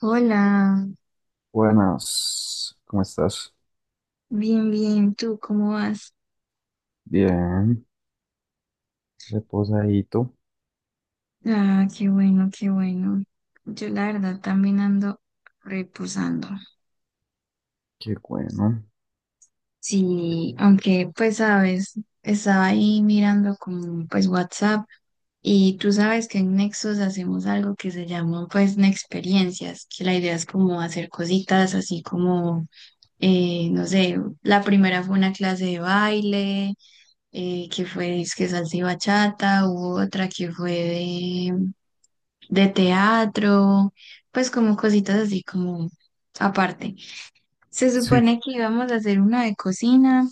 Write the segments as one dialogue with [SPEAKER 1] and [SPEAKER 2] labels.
[SPEAKER 1] Hola,
[SPEAKER 2] Buenas, ¿cómo estás?
[SPEAKER 1] bien, bien, ¿tú cómo vas?
[SPEAKER 2] Bien, reposadito,
[SPEAKER 1] Ah, qué bueno, qué bueno. Yo la verdad también ando reposando.
[SPEAKER 2] qué bueno.
[SPEAKER 1] Sí, aunque pues sabes, estaba ahí mirando con pues WhatsApp y tú sabes que en Nexos hacemos algo que se llama pues Nexperiencias, que la idea es como hacer cositas así como, no sé, la primera fue una clase de baile, que fue es que salsa y bachata, hubo otra que fue de teatro, pues como cositas así como aparte. Se
[SPEAKER 2] Sí,
[SPEAKER 1] supone que íbamos a hacer una de cocina,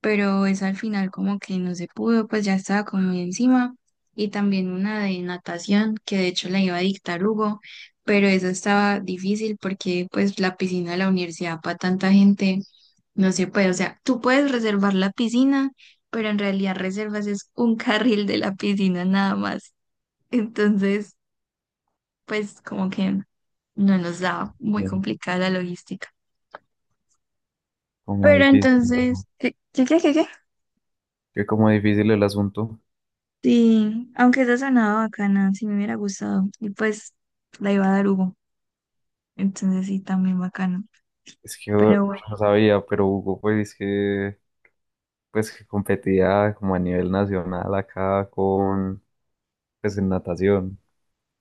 [SPEAKER 1] pero eso al final como que no se pudo, pues ya estaba como muy encima. Y también una de natación, que de hecho la iba a dictar Hugo, pero eso estaba difícil porque pues la piscina de la universidad para tanta gente no se puede. O sea, tú puedes reservar la piscina, pero en realidad reservas es un carril de la piscina nada más. Entonces pues como que no nos da muy
[SPEAKER 2] bien,
[SPEAKER 1] complicada la logística.
[SPEAKER 2] como
[SPEAKER 1] Pero
[SPEAKER 2] difícil,
[SPEAKER 1] entonces,
[SPEAKER 2] ¿no?
[SPEAKER 1] ¿qué?
[SPEAKER 2] Que como difícil el asunto.
[SPEAKER 1] Sí, aunque esa sonaba bacana, sí me hubiera gustado. Y pues la iba a dar Hugo, entonces sí, también bacana.
[SPEAKER 2] Es que yo
[SPEAKER 1] Pero bueno,
[SPEAKER 2] no sabía, pero Hugo, pues es que, pues que competía como a nivel nacional acá con, pues en natación.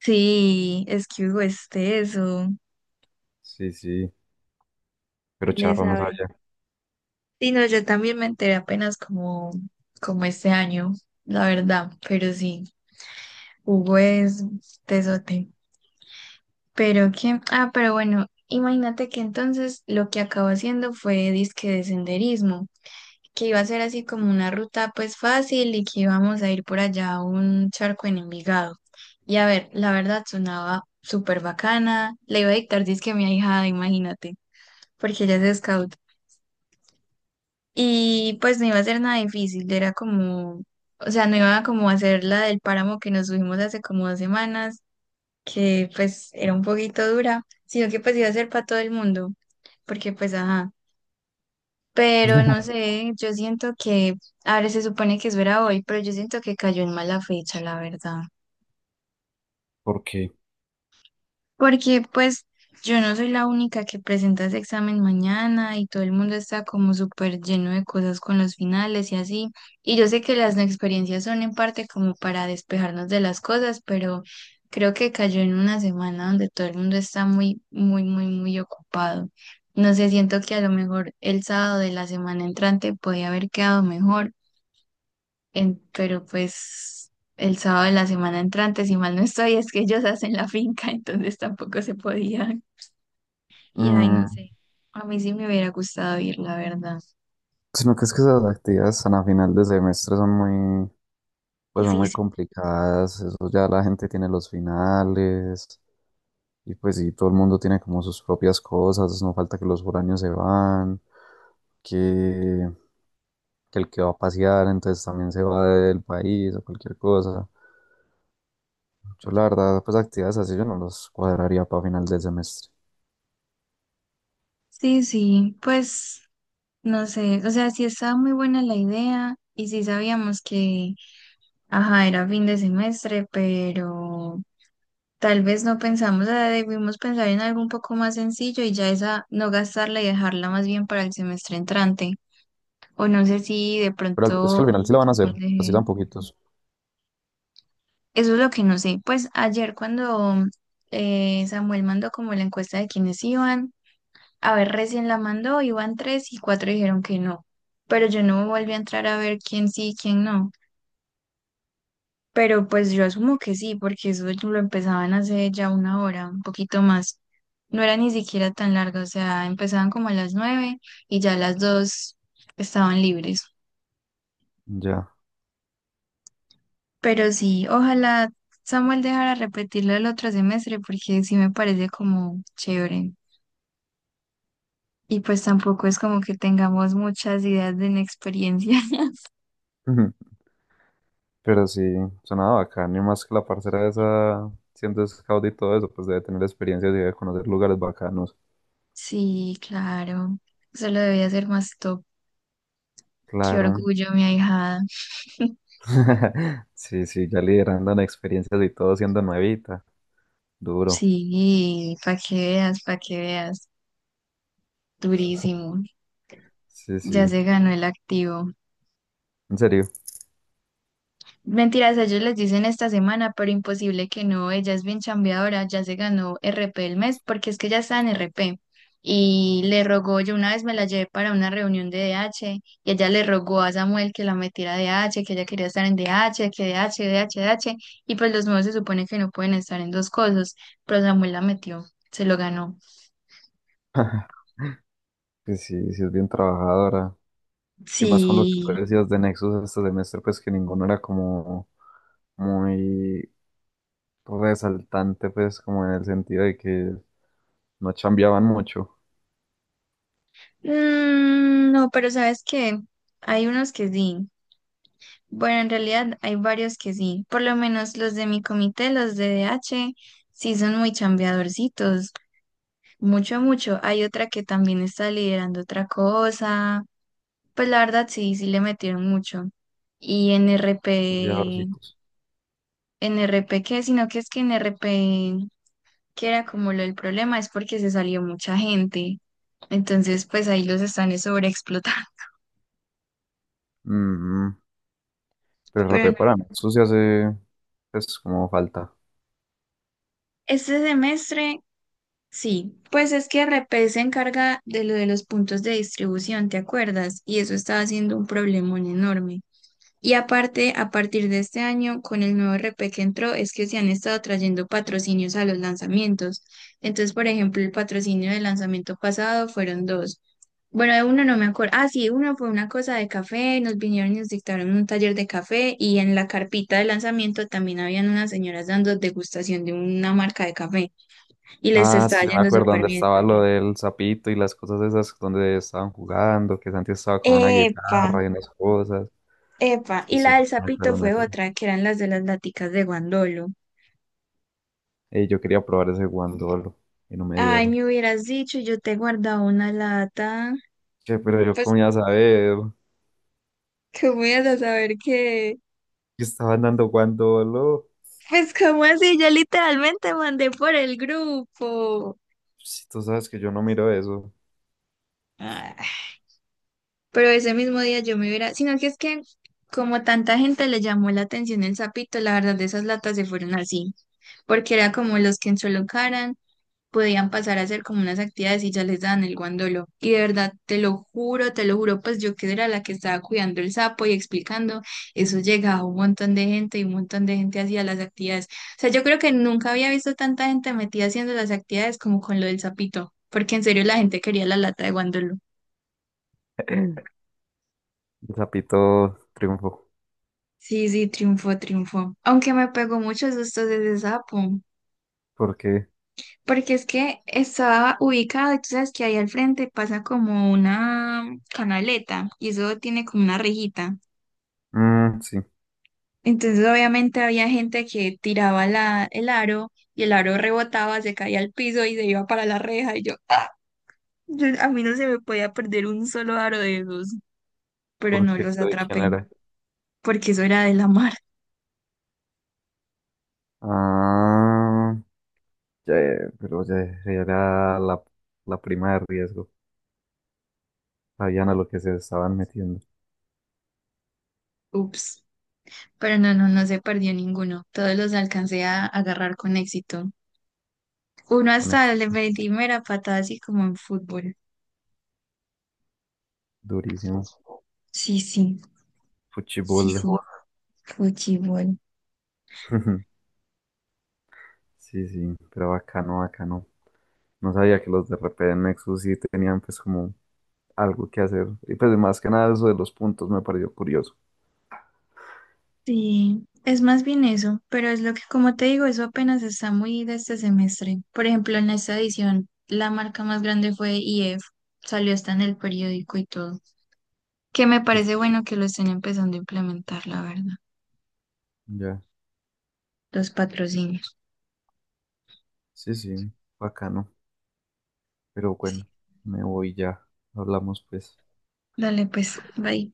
[SPEAKER 1] sí, es que Hugo es teso,
[SPEAKER 2] Sí, sí, pero
[SPEAKER 1] le
[SPEAKER 2] Charro no
[SPEAKER 1] sabe.
[SPEAKER 2] sabía.
[SPEAKER 1] Sí, no, yo también me enteré apenas como este año, la verdad, pero sí, Hugo es tesote. Pero que, ah, pero bueno, imagínate que entonces lo que acabó haciendo fue disque de senderismo, que iba a ser así como una ruta pues fácil y que íbamos a ir por allá a un charco en Envigado. Y a ver, la verdad sonaba súper bacana, le iba a dictar disque a mi ahijada, imagínate, porque ella es scout. Y pues no iba a ser nada difícil, era como, o sea, no iba como a hacer la del páramo que nos subimos hace como 2 semanas que pues era un poquito dura, sino que pues iba a ser para todo el mundo, porque pues ajá, pero no sé, yo siento que, a ver, se supone que eso era hoy, pero yo siento que cayó en mala fecha, la verdad.
[SPEAKER 2] ¿Por qué?
[SPEAKER 1] Porque pues yo no soy la única que presenta ese examen mañana y todo el mundo está como súper lleno de cosas con los finales y así. Y yo sé que las no experiencias son en parte como para despejarnos de las cosas, pero creo que cayó en una semana donde todo el mundo está muy, muy, muy, muy ocupado. No sé, siento que a lo mejor el sábado de la semana entrante podía haber quedado mejor pero pues el sábado de la semana entrante, si mal no estoy, es que ellos hacen la finca, entonces tampoco se podía. Y ay, no
[SPEAKER 2] Mm,
[SPEAKER 1] sé, a mí sí me hubiera gustado ir, la verdad.
[SPEAKER 2] sino que es que esas actividades tan a final de semestre son muy, pues son muy
[SPEAKER 1] Difícil.
[SPEAKER 2] complicadas. Eso ya la gente tiene los finales. Y pues sí, todo el mundo tiene como sus propias cosas, no falta que los foráneos se van, que, que el que va a pasear entonces también se va del país o cualquier cosa. Yo la verdad, pues actividades así yo no los cuadraría para final del semestre.
[SPEAKER 1] Sí, sí, pues no sé, o sea, sí estaba muy buena la idea y sí sabíamos que, ajá, era fin de semestre, pero tal vez no pensamos, o sea, debimos pensar en algo un poco más sencillo y ya esa no gastarla y dejarla más bien para el semestre entrante. O no sé si de
[SPEAKER 2] Pero al- es que
[SPEAKER 1] pronto
[SPEAKER 2] al final sí la van a hacer,
[SPEAKER 1] Samuel,
[SPEAKER 2] así
[SPEAKER 1] eh,
[SPEAKER 2] tan poquitos.
[SPEAKER 1] eso es lo que no sé. Pues ayer cuando Samuel mandó como la encuesta de quiénes iban, a ver, recién la mandó, iban tres y cuatro dijeron que no. Pero yo no volví a entrar a ver quién sí y quién no. Pero pues yo asumo que sí, porque eso lo empezaban hace ya una hora, un poquito más. No era ni siquiera tan largo, o sea, empezaban como a las nueve y ya a las dos estaban libres.
[SPEAKER 2] Ya.
[SPEAKER 1] Pero sí, ojalá Samuel dejara repetirlo el otro semestre porque sí me parece como chévere. Y pues tampoco es como que tengamos muchas ideas de inexperiencia.
[SPEAKER 2] Ujú. Pero sí, sonaba bacán, y más que la parcera esa, siendo scout y todo eso, pues debe tener experiencias y debe conocer lugares bacanos.
[SPEAKER 1] Sí, claro. Eso lo debía ser más top. Qué
[SPEAKER 2] Claro.
[SPEAKER 1] orgullo, mi ahijada.
[SPEAKER 2] Sí, sí, ya liderando en experiencias y todo siendo nuevita. Duro.
[SPEAKER 1] Sí, para que veas, para que veas. Durísimo.
[SPEAKER 2] Sí,
[SPEAKER 1] Ya
[SPEAKER 2] sí,
[SPEAKER 1] se ganó el activo.
[SPEAKER 2] en serio.
[SPEAKER 1] Mentiras, ellos les dicen esta semana, pero imposible que no, ella es bien chambeadora, ya se ganó RP el mes, porque es que ya está en RP. Y le rogó, yo una vez me la llevé para una reunión de DH, y ella le rogó a Samuel que la metiera a DH, que ella quería estar en DH, que DH, DH, DH, y pues los nuevos se supone que no pueden estar en dos cosas, pero Samuel la metió, se lo ganó.
[SPEAKER 2] Pues sí, sí es bien trabajadora. Y más con lo que
[SPEAKER 1] Sí.
[SPEAKER 2] tú decías de Nexus este semestre, pues que ninguno era como muy resaltante, pues como en el sentido de que no chambeaban mucho
[SPEAKER 1] Mm, no, pero ¿sabes qué? Hay unos que sí. Bueno, en realidad hay varios que sí, por lo menos los de mi comité, los de DH, sí son muy chambeadorcitos, mucho, mucho. Hay otra que también está liderando otra cosa, pues la verdad sí, sí le metieron mucho. Y en R
[SPEAKER 2] los
[SPEAKER 1] P,
[SPEAKER 2] viajorcitos.
[SPEAKER 1] en RP qué, sino que es que en RP que era como lo del problema, es porque se salió mucha gente. Entonces, pues ahí los están sobreexplotando.
[SPEAKER 2] Mm, pero el
[SPEAKER 1] Pero
[SPEAKER 2] RP
[SPEAKER 1] no.
[SPEAKER 2] para Nexus ya hace, pues como falta.
[SPEAKER 1] Este semestre sí, pues es que RP se encarga de lo de los puntos de distribución, ¿te acuerdas? Y eso estaba siendo un problemón enorme. Y aparte, a partir de este año, con el nuevo RP que entró, es que se han estado trayendo patrocinios a los lanzamientos. Entonces, por ejemplo, el patrocinio del lanzamiento pasado fueron dos. Bueno, de uno no me acuerdo. Ah, sí, uno fue una cosa de café, nos vinieron y nos dictaron un taller de café y en la carpita de lanzamiento también habían unas señoras dando degustación de una marca de café y les
[SPEAKER 2] Ah,
[SPEAKER 1] está
[SPEAKER 2] sí, ya me
[SPEAKER 1] yendo
[SPEAKER 2] acuerdo
[SPEAKER 1] súper
[SPEAKER 2] dónde
[SPEAKER 1] bien.
[SPEAKER 2] estaba lo del sapito y las cosas esas donde estaban jugando, que Santi estaba con una
[SPEAKER 1] Epa,
[SPEAKER 2] guitarra y unas cosas.
[SPEAKER 1] epa.
[SPEAKER 2] Sí,
[SPEAKER 1] Y
[SPEAKER 2] sí,
[SPEAKER 1] la del
[SPEAKER 2] me
[SPEAKER 1] sapito
[SPEAKER 2] acuerdo, me
[SPEAKER 1] fue
[SPEAKER 2] acuerdo.
[SPEAKER 1] otra, que eran las de las laticas de guandolo.
[SPEAKER 2] Yo quería probar ese guandolo y no me
[SPEAKER 1] Ay,
[SPEAKER 2] dieron.
[SPEAKER 1] me hubieras dicho, yo te he guardado una lata.
[SPEAKER 2] Che, pero yo
[SPEAKER 1] Pues,
[SPEAKER 2] cómo iba a saber
[SPEAKER 1] ¿cómo ibas a saber qué?
[SPEAKER 2] que estaban dando guandolo.
[SPEAKER 1] Pues, ¿cómo así? Yo literalmente mandé por el grupo.
[SPEAKER 2] Si tú sabes que yo no miro eso.
[SPEAKER 1] Ah, pero ese mismo día yo me hubiera... Sino que es que, como tanta gente le llamó la atención el sapito, la verdad, de esas latas se fueron así. Porque era como los que en podían pasar a hacer como unas actividades y ya les daban el guandolo. Y de verdad, te lo juro, pues yo que era la que estaba cuidando el sapo y explicando, eso llegaba un montón de gente y un montón de gente hacía las actividades. O sea, yo creo que nunca había visto tanta gente metida haciendo las actividades como con lo del sapito, porque en serio la gente quería la lata de guandolo.
[SPEAKER 2] El sapito triunfó.
[SPEAKER 1] Sí, sí, triunfó, triunfó. Aunque me pegó muchos sustos ese sapo.
[SPEAKER 2] ¿Por qué?
[SPEAKER 1] Porque es que está ubicado y tú sabes que ahí al frente pasa como una canaleta y eso tiene como una rejita.
[SPEAKER 2] Mm, sí,
[SPEAKER 1] Entonces obviamente había gente que tiraba el aro y el aro rebotaba, se caía al piso y se iba para la reja y yo, ¡ah! A mí no se me podía perder un solo aro de esos, pero no
[SPEAKER 2] porque
[SPEAKER 1] los
[SPEAKER 2] lo de quién
[SPEAKER 1] atrapé
[SPEAKER 2] era.
[SPEAKER 1] porque eso era de la mar.
[SPEAKER 2] Ah, ya, pero ya era la prima de riesgo. Sabían a lo que se estaban metiendo
[SPEAKER 1] Ups. Pero no, no, no se perdió ninguno. Todos los alcancé a agarrar con éxito. Uno
[SPEAKER 2] con eso.
[SPEAKER 1] hasta le metí mera patada así como en fútbol.
[SPEAKER 2] Durísimo.
[SPEAKER 1] Sí, sí, sí, sí,
[SPEAKER 2] Fuchibol.
[SPEAKER 1] fútbol.
[SPEAKER 2] Sí, sí, pero bacano, bacano. No sabía que los de RP de Nexus sí tenían pues como algo que hacer. Y pues más que nada eso de los puntos me pareció curioso.
[SPEAKER 1] Sí, es más bien eso, pero es lo que, como te digo, eso apenas está muy de este semestre. Por ejemplo, en esta edición, la marca más grande fue IF, salió hasta en el periódico y todo, que me
[SPEAKER 2] Que-
[SPEAKER 1] parece bueno que lo estén empezando a implementar, la verdad,
[SPEAKER 2] ya,
[SPEAKER 1] los patrocinios.
[SPEAKER 2] sí, sí, bacano. Pero
[SPEAKER 1] Sí.
[SPEAKER 2] bueno, me voy ya. Hablamos pues.
[SPEAKER 1] Dale, pues, bye.